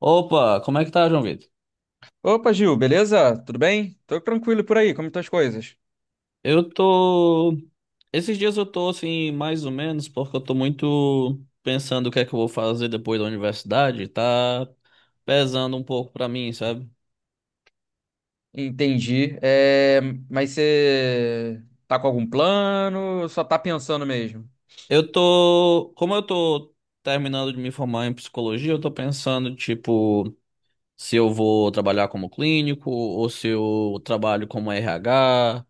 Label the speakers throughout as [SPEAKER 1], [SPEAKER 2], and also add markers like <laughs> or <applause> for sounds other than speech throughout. [SPEAKER 1] Opa, como é que tá, João Vitor?
[SPEAKER 2] Opa, Gil, beleza? Tudo bem? Tô tranquilo por aí, como estão as coisas?
[SPEAKER 1] Eu tô. Esses dias eu tô assim, mais ou menos, porque eu tô muito pensando o que é que eu vou fazer depois da universidade, tá pesando um pouco pra mim, sabe?
[SPEAKER 2] Entendi. Mas você tá com algum plano ou só tá pensando mesmo?
[SPEAKER 1] Eu tô. Como eu tô terminando de me formar em psicologia, eu tô pensando, tipo, se eu vou trabalhar como clínico ou se eu trabalho como RH.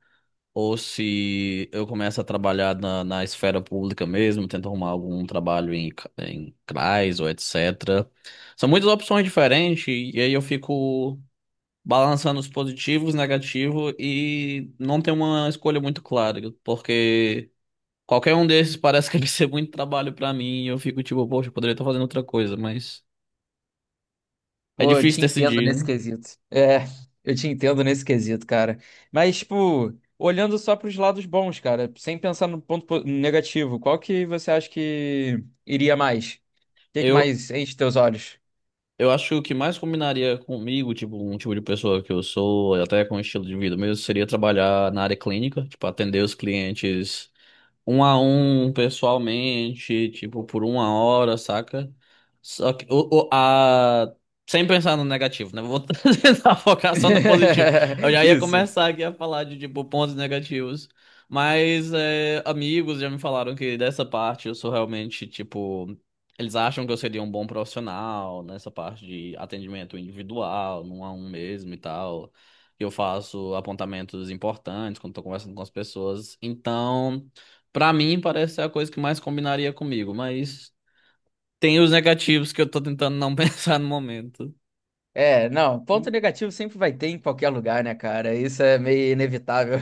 [SPEAKER 1] Ou se eu começo a trabalhar na esfera pública mesmo, tento arrumar algum trabalho em, em CRAS ou etc. São muitas opções diferentes e aí eu fico balançando os positivos, negativos e não tenho uma escolha muito clara, porque qualquer um desses parece que <laughs> vai ser muito trabalho pra mim e eu fico tipo, poxa, eu poderia estar fazendo outra coisa, mas é
[SPEAKER 2] Pô, eu
[SPEAKER 1] difícil
[SPEAKER 2] te entendo
[SPEAKER 1] decidir,
[SPEAKER 2] nesse
[SPEAKER 1] né?
[SPEAKER 2] quesito. Eu te entendo nesse quesito, cara. Mas, tipo, olhando só pros lados bons, cara, sem pensar no negativo, qual que você acha que iria mais? O que que
[SPEAKER 1] Eu,
[SPEAKER 2] mais enche teus olhos?
[SPEAKER 1] Eu acho que o que mais combinaria comigo, tipo, um tipo de pessoa que eu sou, e até com o estilo de vida mesmo, seria trabalhar na área clínica, tipo, atender os clientes um a um pessoalmente, tipo, por uma hora, saca? Só que sem pensar no negativo, né? Vou <laughs> tentar focar só no
[SPEAKER 2] <laughs>
[SPEAKER 1] positivo. Eu já ia
[SPEAKER 2] Isso.
[SPEAKER 1] começar aqui a falar de, tipo, pontos negativos. Mas é, amigos já me falaram que dessa parte eu sou realmente, tipo. Eles acham que eu seria um bom profissional nessa parte de atendimento individual, num a um mesmo e tal. Eu faço apontamentos importantes quando estou conversando com as pessoas. Então, pra mim, parece ser a coisa que mais combinaria comigo, mas tem os negativos que eu tô tentando não <laughs> pensar no momento.
[SPEAKER 2] É, não, ponto negativo sempre vai ter em qualquer lugar, né, cara? Isso é meio inevitável.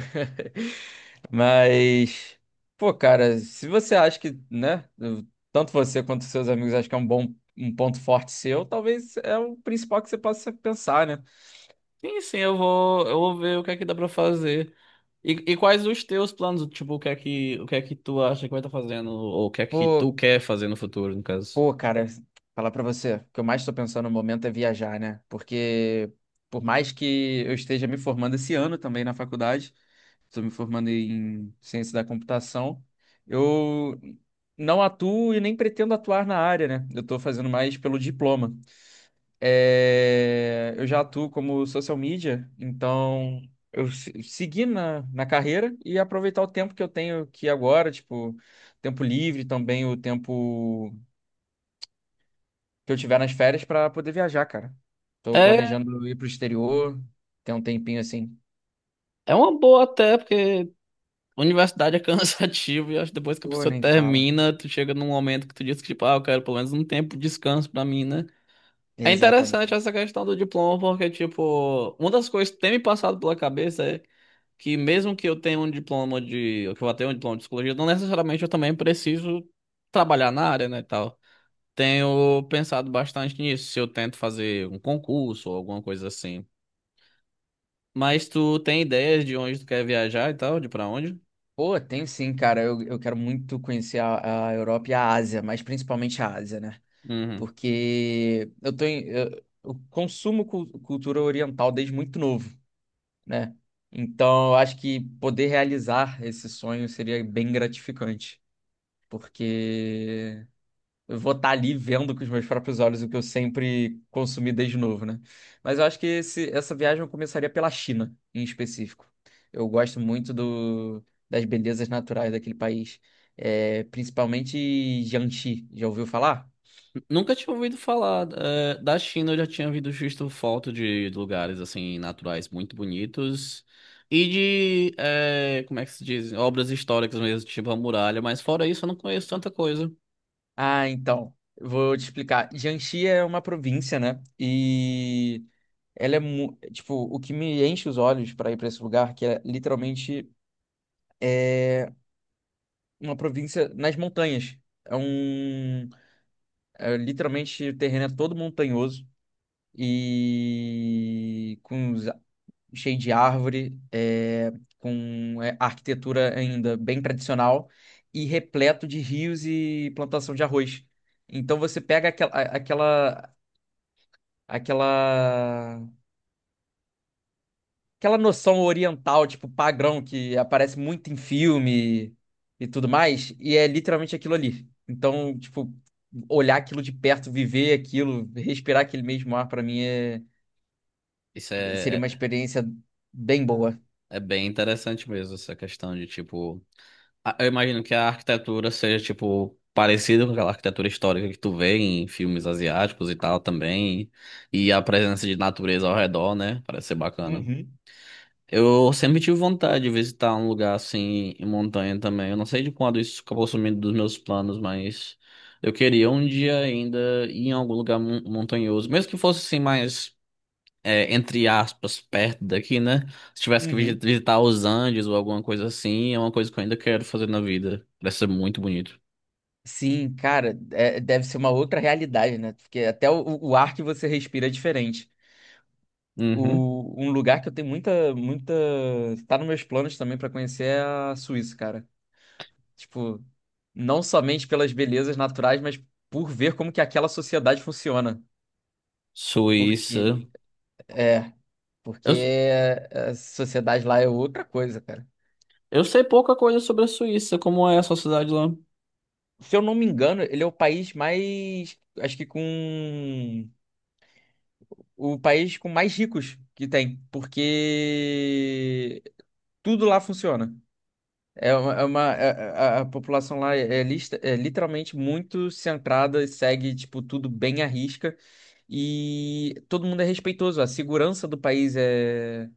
[SPEAKER 2] <laughs> Mas, pô, cara, se você acha que, né, tanto você quanto seus amigos acham que é um bom, um ponto forte seu, talvez é o principal que você possa pensar, né?
[SPEAKER 1] Sim, sim, eu vou ver o que é que dá pra fazer. E quais os teus planos? Tipo, o que é que tu acha que vai estar fazendo? Ou o que é que tu
[SPEAKER 2] Pô,
[SPEAKER 1] quer fazer no futuro, no caso?
[SPEAKER 2] Pô, cara, falar pra você, o que eu mais tô pensando no momento é viajar, né? Porque por mais que eu esteja me formando esse ano também na faculdade, estou me formando em ciência da computação. Eu não atuo e nem pretendo atuar na área, né? Eu estou fazendo mais pelo diploma. É, eu já atuo como social media, então eu se- segui na carreira e aproveitar o tempo que eu tenho aqui agora, tipo, tempo livre também, o tempo que eu tiver nas férias para poder viajar, cara. Estou
[SPEAKER 1] É,
[SPEAKER 2] planejando ir para o exterior, ter um tempinho assim.
[SPEAKER 1] é uma boa até, porque universidade é <laughs> cansativo e acho que depois que a
[SPEAKER 2] Pô,
[SPEAKER 1] pessoa
[SPEAKER 2] nem fala.
[SPEAKER 1] termina, tu chega num momento que tu diz que, tipo, ah, eu quero pelo menos um tempo de descanso pra mim, né? É
[SPEAKER 2] Exatamente.
[SPEAKER 1] interessante essa questão do diploma, porque, tipo, uma das coisas que tem me passado pela cabeça é que mesmo que eu tenha um diploma de, que eu vá ter um diploma de psicologia, não necessariamente eu também preciso trabalhar na área, né, e tal. Tenho pensado bastante nisso, se eu tento fazer um concurso ou alguma coisa assim. Mas tu tem ideias de onde tu quer viajar e tal, de pra onde?
[SPEAKER 2] Pô, tem sim, cara. Eu quero muito conhecer a Europa e a Ásia, mas principalmente a Ásia, né?
[SPEAKER 1] Uhum.
[SPEAKER 2] Porque eu cultura oriental desde muito novo, né? Então, eu acho que poder realizar esse sonho seria bem gratificante, porque eu vou estar ali vendo com os meus próprios olhos o que eu sempre consumi desde novo, né? Mas eu acho que essa viagem eu começaria pela China, em específico. Eu gosto muito das belezas naturais daquele país. É, principalmente Jiangxi. Já ouviu falar?
[SPEAKER 1] Nunca tinha ouvido falar. Da China eu já tinha ouvido visto foto de lugares assim naturais muito bonitos e de como é que se diz? Obras históricas mesmo, tipo a muralha, mas fora isso eu não conheço tanta coisa.
[SPEAKER 2] Ah, então, vou te explicar. Jiangxi é uma província, né? E ela é, tipo, o que me enche os olhos para ir para esse lugar, que é literalmente uma província nas montanhas. É um É, literalmente o terreno é todo montanhoso e cheio de árvore, é, com é, arquitetura ainda bem tradicional e repleto de rios e plantação de arroz. Então você pega aquela aquela noção oriental, tipo padrão que aparece muito em filme e tudo mais, e é literalmente aquilo ali. Então, tipo, olhar aquilo de perto, viver aquilo, respirar aquele mesmo ar, pra mim é...
[SPEAKER 1] Isso é,
[SPEAKER 2] Seria uma
[SPEAKER 1] é,
[SPEAKER 2] experiência bem boa.
[SPEAKER 1] É bem interessante mesmo, essa questão de tipo. Eu imagino que a arquitetura seja tipo parecida com aquela arquitetura histórica que tu vê em filmes asiáticos e tal também. E a presença de natureza ao redor, né? Parece ser bacana.
[SPEAKER 2] Uhum,
[SPEAKER 1] Eu sempre tive vontade de visitar um lugar assim em montanha também. Eu não sei de quando isso acabou sumindo dos meus planos, mas eu queria um dia ainda ir em algum lugar montanhoso, mesmo que fosse assim mais entre aspas perto daqui, né? Se tivesse que
[SPEAKER 2] uhum.
[SPEAKER 1] visitar os Andes ou alguma coisa assim, é uma coisa que eu ainda quero fazer na vida. Parece ser muito bonito.
[SPEAKER 2] Sim, cara, é- deve ser uma outra realidade, né? Porque até o ar que você respira é diferente.
[SPEAKER 1] Uhum.
[SPEAKER 2] O, um lugar que eu tenho muita... Tá nos meus planos também pra conhecer é a Suíça, cara. Tipo, não somente pelas belezas naturais, mas por ver como que aquela sociedade funciona.
[SPEAKER 1] Suíça.
[SPEAKER 2] Porque, E- é,
[SPEAKER 1] Eu,
[SPEAKER 2] porque a sociedade lá é outra coisa, cara.
[SPEAKER 1] eu sei pouca coisa sobre a Suíça, como é a sociedade lá.
[SPEAKER 2] Se eu não me engano, ele é o país mais, acho que com o país com mais ricos que tem, porque tudo lá funciona. A população lá é, é literalmente muito centrada, e segue tipo tudo bem à risca e todo mundo é respeitoso. A segurança do país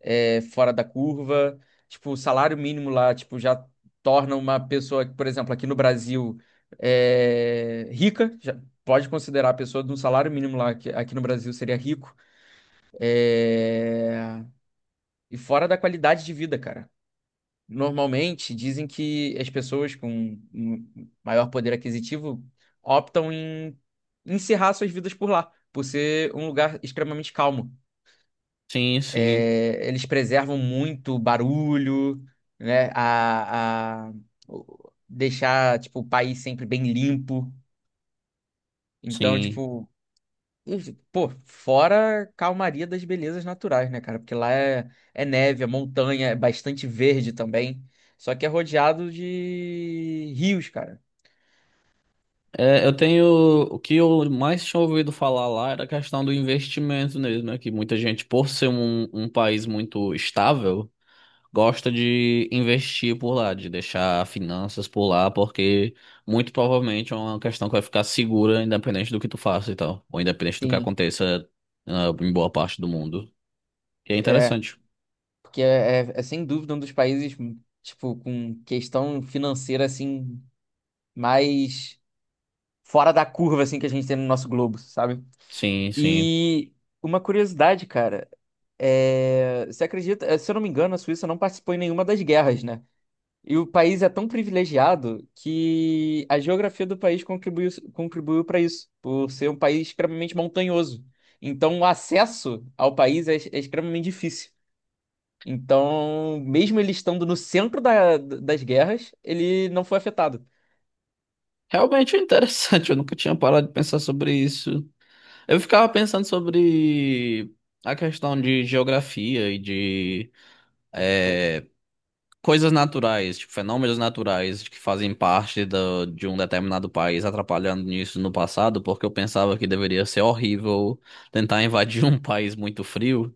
[SPEAKER 2] é, fora da curva. Tipo, o salário mínimo lá, tipo, já torna uma pessoa, por exemplo, aqui no Brasil, é, rica. Já pode considerar a pessoa de um salário mínimo lá, que aqui no Brasil seria rico. É, e fora da qualidade de vida, cara. Normalmente dizem que as pessoas com um maior poder aquisitivo optam em encerrar suas vidas por lá, por ser um lugar extremamente calmo.
[SPEAKER 1] Sim, sim,
[SPEAKER 2] É, eles preservam muito o barulho, né? Deixar, tipo, o país sempre bem limpo. Então,
[SPEAKER 1] sim.
[SPEAKER 2] tipo, isso- pô, fora a calmaria das belezas naturais, né, cara? Porque lá é, é neve, é montanha, é bastante verde também. Só que é rodeado de rios, cara.
[SPEAKER 1] É, eu tenho. O que eu mais tinha ouvido falar lá era a questão do investimento mesmo, né? Que muita gente, por ser um país muito estável, gosta de investir por lá, de deixar finanças por lá, porque muito provavelmente é uma questão que vai ficar segura, independente do que tu faça e tal, ou independente do que
[SPEAKER 2] Sim,
[SPEAKER 1] aconteça, ah, em boa parte do mundo. E é
[SPEAKER 2] é.
[SPEAKER 1] interessante.
[SPEAKER 2] Porque é sem dúvida um dos países, tipo, com questão financeira, assim, mais fora da curva, assim, que a gente tem no nosso globo, sabe?
[SPEAKER 1] Sim, sim.
[SPEAKER 2] E uma curiosidade, cara, é... você acredita, se eu não me engano, a Suíça não participou em nenhuma das guerras, né? E o país é tão privilegiado que a geografia do país contribuiu para isso, por ser um país extremamente montanhoso. Então, o acesso ao país é, é extremamente difícil. Então, mesmo ele estando no centro das guerras, ele não foi afetado.
[SPEAKER 1] Realmente é interessante, <laughs> eu nunca tinha parado de pensar sobre isso. Eu ficava pensando sobre a questão de geografia e de eh, coisas naturais, tipo, fenômenos naturais que fazem parte de um determinado país atrapalhando nisso no passado, porque eu pensava que deveria ser horrível tentar invadir um <laughs> país muito frio.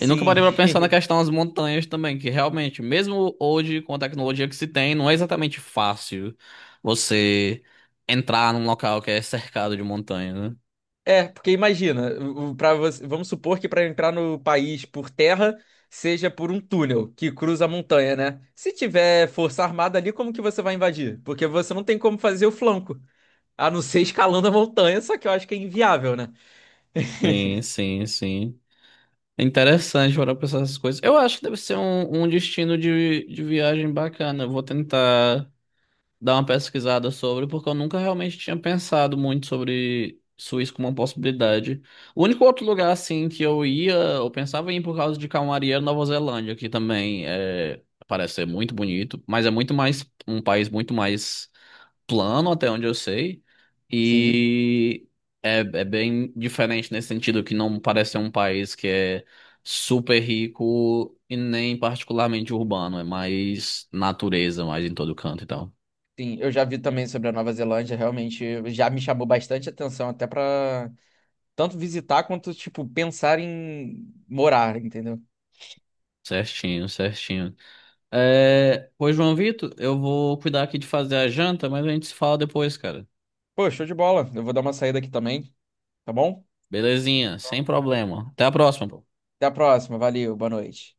[SPEAKER 1] E nunca parei pra pensar na questão das montanhas também, que realmente, mesmo hoje, com a tecnologia que se tem, não é exatamente fácil você entrar num local que é cercado de montanha, né?
[SPEAKER 2] É, porque imagina, para você, vamos supor que para entrar no país por terra seja por um túnel que cruza a montanha, né? Se tiver força armada ali, como que você vai invadir? Porque você não tem como fazer o flanco, a não ser <laughs> escalando a montanha, só que eu acho que é inviável, né?
[SPEAKER 1] Sim, sim, sim. É interessante para pensar essas coisas. Eu acho que deve ser um destino de viagem bacana. Eu vou tentar dar uma pesquisada sobre, porque eu nunca realmente tinha pensado muito sobre Suíça como uma possibilidade. O único outro lugar, assim, que eu ia, eu pensava em ir por causa de calmaria era Nova Zelândia, que também é, parece ser muito bonito, mas é muito mais, um país muito mais plano, até onde eu sei,
[SPEAKER 2] Sim,
[SPEAKER 1] e é, é bem diferente nesse sentido, que não parece ser um país que é super rico e nem particularmente urbano, é mais natureza, mais em todo canto e tal.
[SPEAKER 2] sim, eu já vi também sobre a Nova Zelândia, realmente já me chamou bastante atenção, até para tanto visitar quanto, tipo, pensar em morar, entendeu?
[SPEAKER 1] Certinho, certinho. É, pois, João Vitor, eu vou cuidar aqui de fazer a janta, mas a gente se fala depois, cara.
[SPEAKER 2] Pô, show de bola, eu vou dar uma saída aqui também, tá bom?
[SPEAKER 1] Belezinha, sem problema. Até a próxima.
[SPEAKER 2] Até a próxima, valeu, boa noite.